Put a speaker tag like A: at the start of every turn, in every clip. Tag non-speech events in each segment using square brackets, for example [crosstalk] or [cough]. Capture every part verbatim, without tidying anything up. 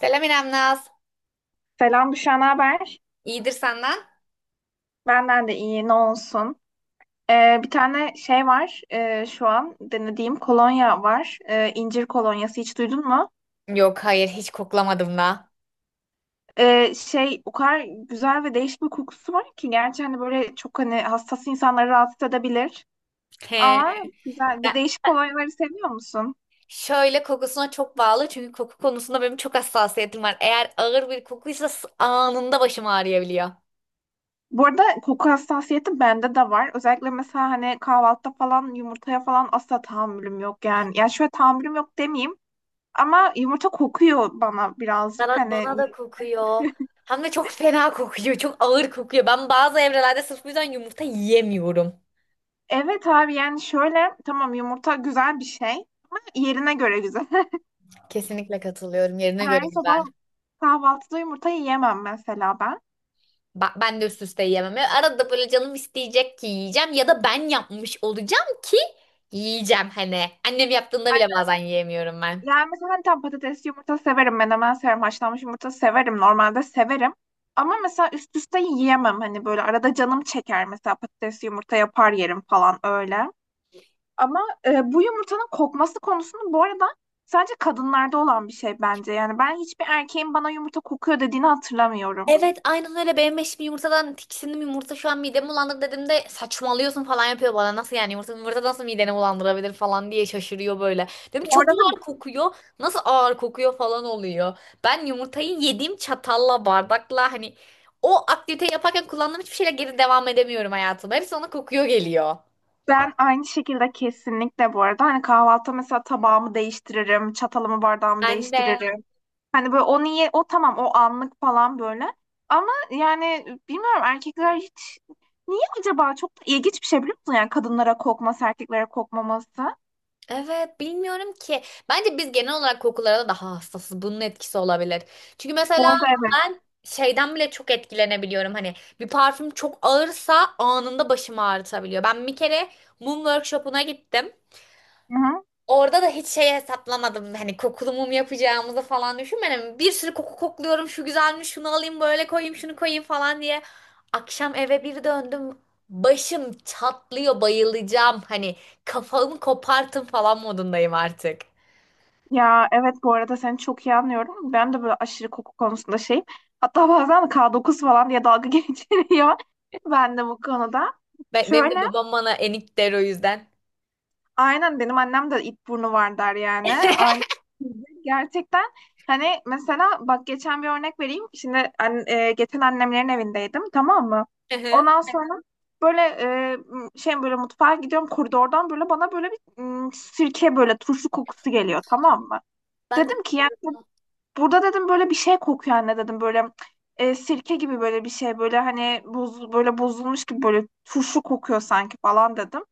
A: Selam İrem Naz.
B: Selam Büşra, ne haber?
A: İyidir senden?
B: Benden de iyi, ne olsun. Ee, bir tane şey var, ee, şu an denediğim kolonya var. Ee, incir kolonyası hiç duydun mu?
A: Yok hayır hiç koklamadım da.
B: Ee, şey, o kadar güzel ve değişik bir kokusu var ki, gerçi hani böyle çok hani hassas insanları rahatsız edebilir.
A: He.
B: Ama güzel, bu
A: Ya,
B: değişik kolonyaları seviyor musun?
A: şöyle kokusuna çok bağlı çünkü koku konusunda benim çok hassasiyetim var. Eğer ağır bir kokuysa s- anında başım ağrıyabiliyor.
B: Bu arada, koku hassasiyeti bende de var. Özellikle mesela hani kahvaltıda falan yumurtaya falan asla tahammülüm yok yani. Ya şöyle, tahammülüm yok demeyeyim. Ama yumurta kokuyor bana birazcık
A: Bana,
B: hani.
A: bana da kokuyor. Hem de çok fena kokuyor. Çok ağır kokuyor. Ben bazı evrelerde sırf bu yüzden yumurta yiyemiyorum.
B: Evet abi, yani şöyle, tamam, yumurta güzel bir şey, ama yerine göre güzel.
A: Kesinlikle katılıyorum. Yerine
B: [laughs] Her
A: göre
B: sabah
A: güzel.
B: kahvaltıda yumurta yiyemem mesela ben.
A: Ba- Ben de üst üste yiyemem. Ya arada böyle canım isteyecek ki yiyeceğim ya da ben yapmış olacağım ki yiyeceğim hani. Annem yaptığında bile bazen yiyemiyorum ben.
B: Yani mesela hani tam patates yumurta severim, menemen severim, haşlanmış yumurta severim, normalde severim. Ama mesela üst üste yiyemem, hani böyle arada canım çeker, mesela patates yumurta yapar yerim falan öyle. Ama e, bu yumurtanın kokması konusunu, bu arada, sadece kadınlarda olan bir şey bence. Yani ben hiçbir erkeğin bana yumurta kokuyor dediğini hatırlamıyorum.
A: Evet aynen öyle, benim eşim, yumurtadan tiksindim, yumurta şu an midemi bulandırdı dediğimde saçmalıyorsun falan yapıyor bana, nasıl yani yumurta, yumurta nasıl mideni bulandırabilir falan diye şaşırıyor böyle. Dedim
B: Bu
A: çok
B: arada
A: ağır kokuyor, nasıl ağır kokuyor falan oluyor. Ben yumurtayı yediğim çatalla bardakla hani o aktivite yaparken kullandığım hiçbir şeyle geri devam edemiyorum hayatıma. Hepsi ona kokuyor geliyor.
B: ben aynı şekilde, kesinlikle bu arada hani kahvaltı mesela, tabağımı değiştiririm, çatalımı bardağımı
A: Ben de.
B: değiştiririm. Hani böyle, o niye, o tamam, o anlık falan böyle. Ama yani bilmiyorum, erkekler hiç niye acaba, çok da ilginç bir şey biliyor musun? Yani kadınlara kokması, erkeklere kokmaması.
A: Evet bilmiyorum ki. Bence biz genel olarak kokulara daha hassasız. Bunun etkisi olabilir. Çünkü
B: Bu
A: mesela
B: arada evet.
A: ben şeyden bile çok etkilenebiliyorum. Hani bir parfüm çok ağırsa anında başımı ağrıtabiliyor. Ben bir kere mum workshop'una gittim.
B: Hı hı.
A: Orada da hiç şey hesaplamadım. Hani kokulu mum yapacağımızı falan düşünmedim. Bir sürü koku kokluyorum. Şu güzelmiş, şunu alayım, böyle koyayım, şunu koyayım falan diye. Akşam eve bir döndüm. Başım çatlıyor, bayılacağım. Hani kafamı kopartın falan modundayım artık.
B: Ya evet, bu arada seni çok iyi anlıyorum. Ben de böyle aşırı koku konusunda şeyim. Hatta bazen K dokuz falan diye dalga [laughs] geçiliyor. Ben de bu konuda.
A: Be- benim
B: Şöyle,
A: de babam bana enik der o yüzden.
B: aynen, benim annem de it burnu var der yani. Aynen.
A: [laughs]
B: Gerçekten hani mesela bak, geçen bir örnek vereyim. Şimdi an- e, geçen annemlerin evindeydim, tamam mı? Ondan sonra böyle e, m- şey, böyle mutfağa gidiyorum koridordan, böyle bana böyle bir m, sirke, böyle turşu kokusu geliyor, tamam mı?
A: Ben de
B: Dedim ki
A: çok
B: yani,
A: üzüldüm.
B: burada dedim böyle bir şey kokuyor anne dedim, böyle e, sirke gibi böyle bir şey, böyle hani, boz, böyle bozulmuş gibi böyle turşu kokuyor sanki falan dedim.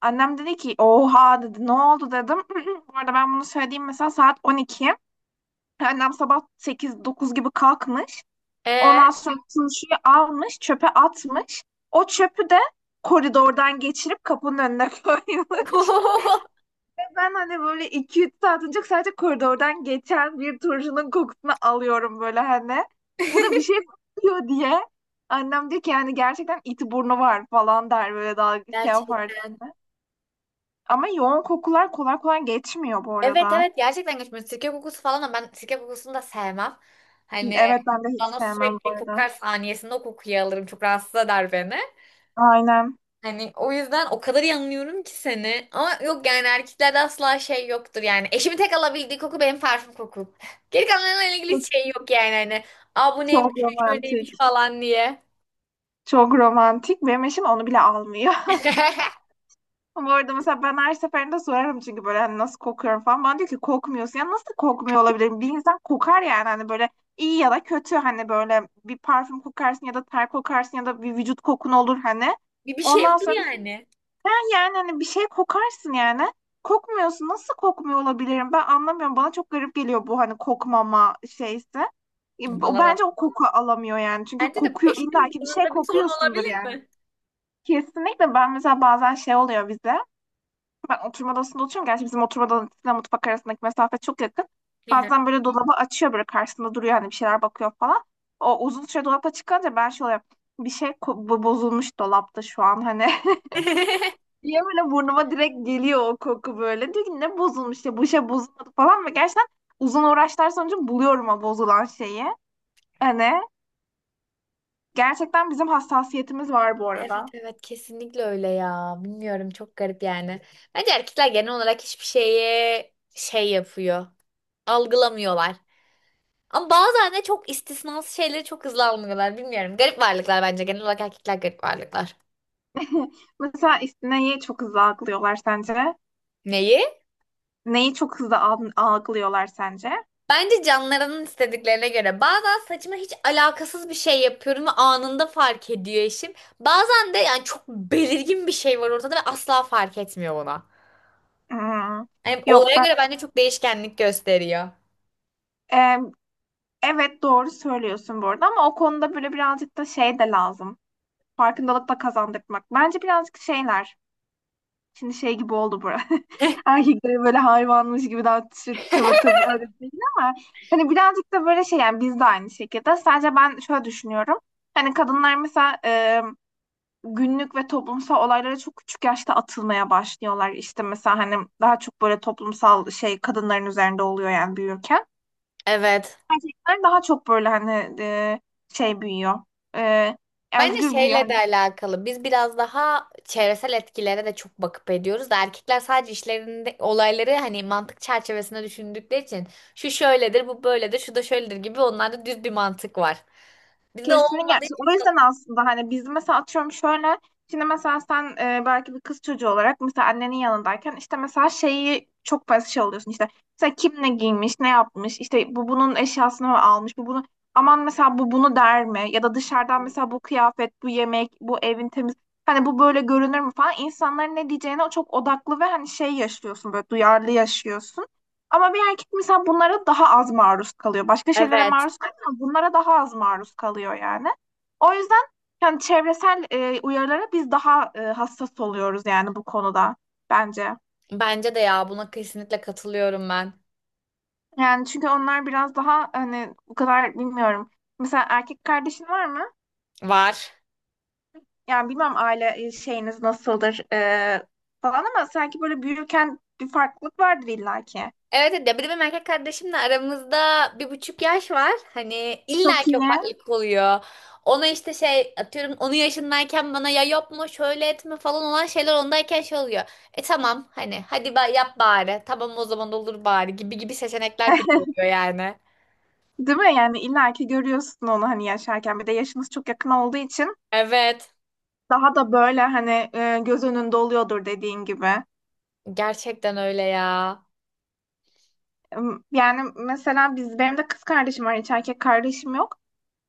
B: Annem dedi ki oha, dedi ne oldu dedim. [clears throat] Bu arada ben bunu söylediğim mesela saat on iki. Annem sabah sekiz dokuz gibi kalkmış.
A: Ee?
B: Ondan sonra turşuyu almış, çöpe atmış. O çöpü de koridordan geçirip kapının önüne [laughs] koymuş.
A: [laughs]
B: Ben hani böyle iki üç saat önce sadece koridordan geçen bir turşunun kokusunu alıyorum böyle hani. Burada bir şey kokuyor diye. Annem diyor ki yani, gerçekten iti burnu var falan der, böyle dalga şey yapar.
A: Gerçekten.
B: Ama yoğun kokular kolay kolay geçmiyor bu
A: Evet
B: arada.
A: evet gerçekten geçmiyor. Sirke kokusu falan da, ben sirke kokusunu da sevmem. Hani
B: Evet, ben de hiç
A: bana
B: sevmem bu
A: sürekli
B: arada.
A: kokar, saniyesinde o kokuyu alırım. Çok rahatsız eder beni.
B: Aynen.
A: Hani o yüzden o kadar iyi anlıyorum ki seni. Ama yok yani, erkeklerde asla şey yoktur yani. Eşimin tek alabildiği koku benim parfüm kokum. [laughs] Geri kalanlarla ilgili hiç şey yok yani hani. Aa bu neymiş,
B: Çok
A: şu şöyleymiş
B: romantik.
A: falan diye.
B: Çok romantik. Benim eşim onu bile almıyor. [laughs]
A: [laughs]
B: Ama bu arada mesela ben her seferinde sorarım, çünkü böyle hani nasıl kokuyorum falan. Bana diyor ki kokmuyorsun. Ya nasıl kokmuyor olabilirim? Bir insan kokar yani, hani böyle iyi ya da kötü, hani böyle bir parfüm kokarsın ya da ter kokarsın ya da bir vücut kokun olur hani.
A: Bir bir şey
B: Ondan
A: yoktur
B: sonra,
A: yani.
B: "Ha yani hani bir şey kokarsın yani. Kokmuyorsun. Nasıl kokmuyor olabilirim? Ben anlamıyorum. Bana çok garip geliyor bu hani kokmama şeysi. E, o-
A: Bana
B: Bence
A: da.
B: o koku alamıyor yani. Çünkü
A: Bence de
B: kokuyor, illa
A: eşimin
B: ki bir şey
A: yanında bir sorun
B: kokuyorsundur
A: olabilir
B: yani.
A: mi?
B: Kesinlikle, ben mesela bazen şey oluyor bize. Ben oturma odasında oturuyorum. Gerçi bizim oturma odasıyla mutfak arasındaki mesafe çok yakın. Bazen böyle dolabı açıyor, böyle karşısında duruyor, hani bir şeyler bakıyor falan. O uzun süre dolapta çıkınca ben şöyle, bir şey ko- bo- bozulmuş dolapta şu an hani. [laughs]
A: [laughs]
B: Diye böyle burnuma direkt geliyor o koku böyle. Diyor ki ne bozulmuş ya, bu şey bozulmadı falan, ve gerçekten uzun uğraşlar sonucu buluyorum o bozulan şeyi. Hani gerçekten bizim hassasiyetimiz var bu arada.
A: Evet evet kesinlikle öyle ya. Bilmiyorum, çok garip yani. Bence erkekler genel olarak hiçbir şeye şey yapıyor. Algılamıyorlar. Ama bazen de çok istisnası şeyleri çok hızlı algılıyorlar. Bilmiyorum. Garip varlıklar bence. Genel olarak erkekler garip varlıklar.
B: [laughs] Mesela istineyi çok hızlı algılıyorlar sence?
A: Neyi?
B: Neyi çok hızlı al- algılıyorlar sence?
A: Bence canlarının istediklerine göre. Bazen saçıma hiç alakasız bir şey yapıyorum ve anında fark ediyor eşim. Bazen de yani çok belirgin bir şey var ortada ve asla fark etmiyor ona.
B: Hmm,
A: Yani
B: yok
A: olaya
B: ben,
A: göre bence çok değişkenlik gösteriyor.
B: e, evet, doğru söylüyorsun bu arada, ama o konuda böyle birazcık da şey de lazım. Farkındalık da kazandırmak. Bence birazcık şeyler. Şimdi şey gibi oldu bu. [laughs] Erkeklere böyle hayvanmış gibi, daha tı- tıvı tıvı öyle değil, ama hani birazcık da böyle şey yani, biz de aynı şekilde. Sadece ben şöyle düşünüyorum. Hani kadınlar mesela, e, günlük ve toplumsal olaylara çok küçük yaşta atılmaya başlıyorlar. İşte mesela hani daha çok böyle toplumsal şey kadınların üzerinde oluyor yani büyürken.
A: Evet.
B: Erkekler daha çok böyle hani e, şey büyüyor. E,
A: Bence
B: Özgür büyüyor.
A: şeyle
B: Hani
A: de alakalı. Biz biraz daha çevresel etkilere de çok bakıp ediyoruz da erkekler sadece işlerinde olayları hani mantık çerçevesinde düşündükleri için şu şöyledir, bu böyledir, şu da şöyledir gibi onlarda düz bir mantık var. Bizde
B: kesinlikle.
A: olmadığı
B: İşte,
A: için
B: o yüzden
A: sanırım.
B: aslında hani biz mesela, atıyorum şöyle, şimdi mesela sen, e, belki bir kız çocuğu olarak mesela annenin yanındayken, işte mesela şeyi çok fazla şey oluyorsun, işte mesela kim ne giymiş, ne yapmış, işte bu bunun eşyasını mı almış, bu bunu aman, mesela bu bunu der mi, ya da dışarıdan mesela, bu kıyafet, bu yemek, bu evin temiz hani, bu böyle görünür mü falan, insanların ne diyeceğine çok odaklı, ve hani şey yaşıyorsun, böyle duyarlı yaşıyorsun. Ama bir erkek mesela bunlara daha az maruz kalıyor. Başka şeylere
A: Evet.
B: maruz kalıyor ama bunlara daha az maruz kalıyor yani. O yüzden, yani çevresel e, uyarılara biz daha e, hassas oluyoruz yani, bu konuda bence.
A: Bence de ya, buna kesinlikle katılıyorum ben.
B: Yani çünkü onlar biraz daha hani, bu kadar bilmiyorum. Mesela erkek kardeşin var mı?
A: Var.
B: Yani bilmem, aile e, şeyiniz nasıldır e, falan, ama sanki böyle büyürken bir farklılık vardır illaki.
A: Evet evet. Ya bir de benim erkek kardeşimle aramızda bir buçuk yaş var. Hani illa
B: Çok
A: ki
B: iyi.
A: o farklılık oluyor. Ona işte şey atıyorum, onun yaşındayken bana ya yapma şöyle etme falan olan şeyler ondayken şey oluyor. E tamam hani, hadi ba- yap bari, tamam o zaman, olur bari gibi gibi seçenekler bile oluyor yani.
B: Değil mi? Yani illaki görüyorsun onu hani yaşarken. Bir de yaşınız çok yakın olduğu için
A: Evet
B: daha da böyle hani e, göz önünde oluyordur dediğin gibi.
A: gerçekten öyle ya.
B: Em, Yani mesela biz, benim de kız kardeşim var, hiç erkek kardeşim yok.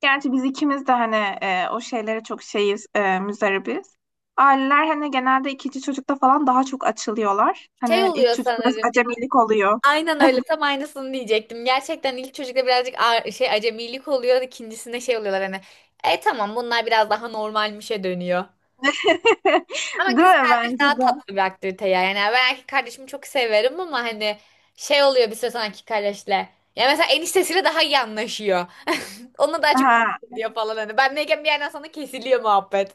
B: Gerçi biz ikimiz de hani, e, o şeylere çok şeyiz, e, müzdaribiz. Aileler hani genelde ikinci çocukta falan daha çok açılıyorlar.
A: Şey
B: Hani ilk
A: oluyor
B: çocuk biraz
A: sanırım.
B: acemilik oluyor.
A: Aynen öyle. Tam aynısını diyecektim. Gerçekten ilk çocukta birazcık a- şey acemilik oluyor. İkincisinde şey oluyorlar hani. E tamam, bunlar biraz daha normalmişe dönüyor.
B: [laughs]
A: Ama
B: Değil
A: kız
B: mi?
A: kardeş
B: Bence
A: daha
B: de.
A: tatlı bir aktivite ya. Yani ben erkek kardeşimi çok severim ama hani şey oluyor bir süre sonra erkek kardeşle. Ya mesela eniştesiyle daha iyi anlaşıyor. [laughs] Onunla daha çok
B: Ha,
A: diyor falan hani. Ben neyken bir yerden sonra kesiliyor muhabbet.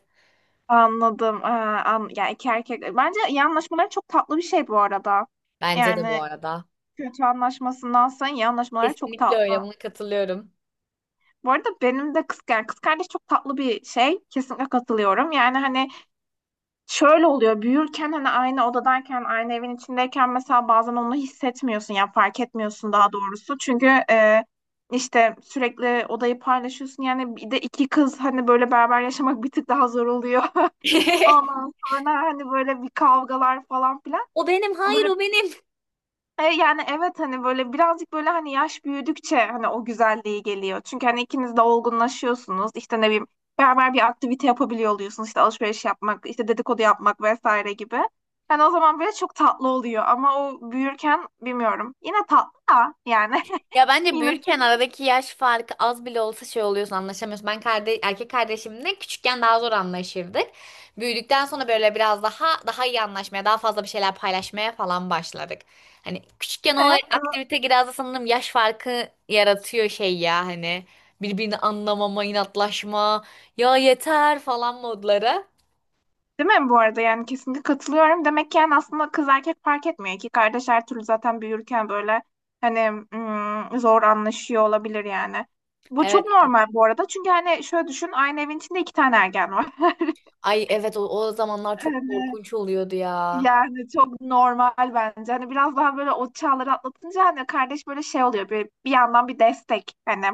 B: anladım. Ha, an, yani iki erkek. Bence iyi anlaşmaları çok tatlı bir şey bu arada.
A: Bence de bu
B: Yani
A: arada.
B: kötü anlaşmasındansa iyi anlaşmaları çok
A: Kesinlikle
B: tatlı.
A: öyle. Buna katılıyorum.
B: Bu arada benim de kız, yani kız kardeş çok tatlı bir şey. Kesinlikle katılıyorum. Yani hani şöyle oluyor. Büyürken hani aynı odadayken, aynı evin içindeyken mesela bazen onu hissetmiyorsun. Yani fark etmiyorsun daha doğrusu. Çünkü e, işte sürekli odayı paylaşıyorsun. Yani bir de iki kız hani böyle beraber yaşamak bir tık daha zor oluyor. [laughs]
A: [laughs]
B: Ondan sonra hani böyle bir kavgalar falan filan.
A: O benim, hayır
B: Böyle
A: o benim.
B: e, yani evet, hani böyle birazcık böyle, hani yaş büyüdükçe hani o güzelliği geliyor. Çünkü hani ikiniz de olgunlaşıyorsunuz. İşte ne bileyim, beraber bir aktivite yapabiliyor oluyorsunuz. İşte alışveriş yapmak, işte dedikodu yapmak, vesaire gibi. Yani o zaman böyle çok tatlı oluyor, ama o büyürken bilmiyorum. Yine tatlı da yani.
A: Ya
B: [laughs]
A: bence
B: Yine
A: büyürken aradaki yaş farkı az bile olsa şey oluyorsun, anlaşamıyorsun. Ben kardeş, erkek kardeşimle küçükken daha zor anlaşırdık. Büyüdükten sonra böyle biraz daha daha iyi anlaşmaya, daha fazla bir şeyler paylaşmaya falan başladık. Hani küçükken o
B: değil mi?
A: aktivite biraz da sanırım yaş farkı yaratıyor şey ya, hani birbirini anlamama, inatlaşma, ya yeter falan modları.
B: Değil mi, bu arada yani kesinlikle katılıyorum. Demek ki yani aslında kız erkek fark etmiyor. İki kardeş her türlü zaten büyürken böyle hani, mm, zor anlaşıyor olabilir yani. Bu çok
A: Evet.
B: normal bu arada. Çünkü hani şöyle düşün, aynı evin içinde iki tane ergen var. [laughs]
A: Ay evet, o, o zamanlar
B: Hani,
A: çok korkunç oluyordu ya.
B: yani çok normal bence. Hani biraz daha böyle o çağları atlatınca hani kardeş böyle şey oluyor. Bir, bir yandan bir destek hani.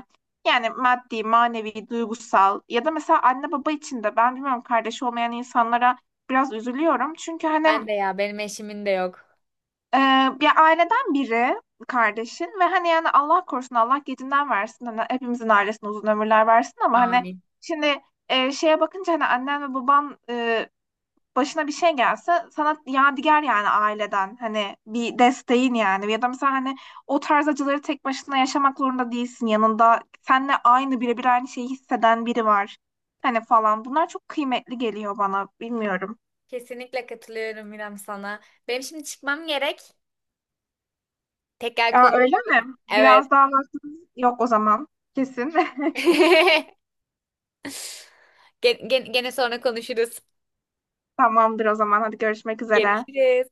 B: Yani maddi, manevi, duygusal, ya da mesela anne baba için de, ben bilmiyorum, kardeş olmayan insanlara biraz üzülüyorum. Çünkü hani,
A: Ben de ya, benim eşimin de yok.
B: Ee, bir aileden biri kardeşin, ve hani yani Allah korusun, Allah gecinden versin, hani hepimizin ailesine uzun ömürler versin, ama hani
A: Amin.
B: şimdi e, şeye bakınca hani annen ve baban, e, başına bir şey gelse sana yadigar yani aileden, hani bir desteğin yani, ya da mesela hani o tarz acıları tek başına yaşamak zorunda değilsin, yanında seninle aynı, birebir aynı şeyi hisseden biri var hani falan, bunlar çok kıymetli geliyor bana, bilmiyorum.
A: Kesinlikle katılıyorum İrem sana. Benim şimdi çıkmam gerek. Tekrar
B: Aa, öyle
A: konuşuruz.
B: mi?
A: Evet.
B: Biraz daha vaktimiz yok o zaman. Kesin. [laughs]
A: [laughs] Gene, gene sonra konuşuruz.
B: Tamamdır o zaman. Hadi görüşmek üzere.
A: Görüşürüz.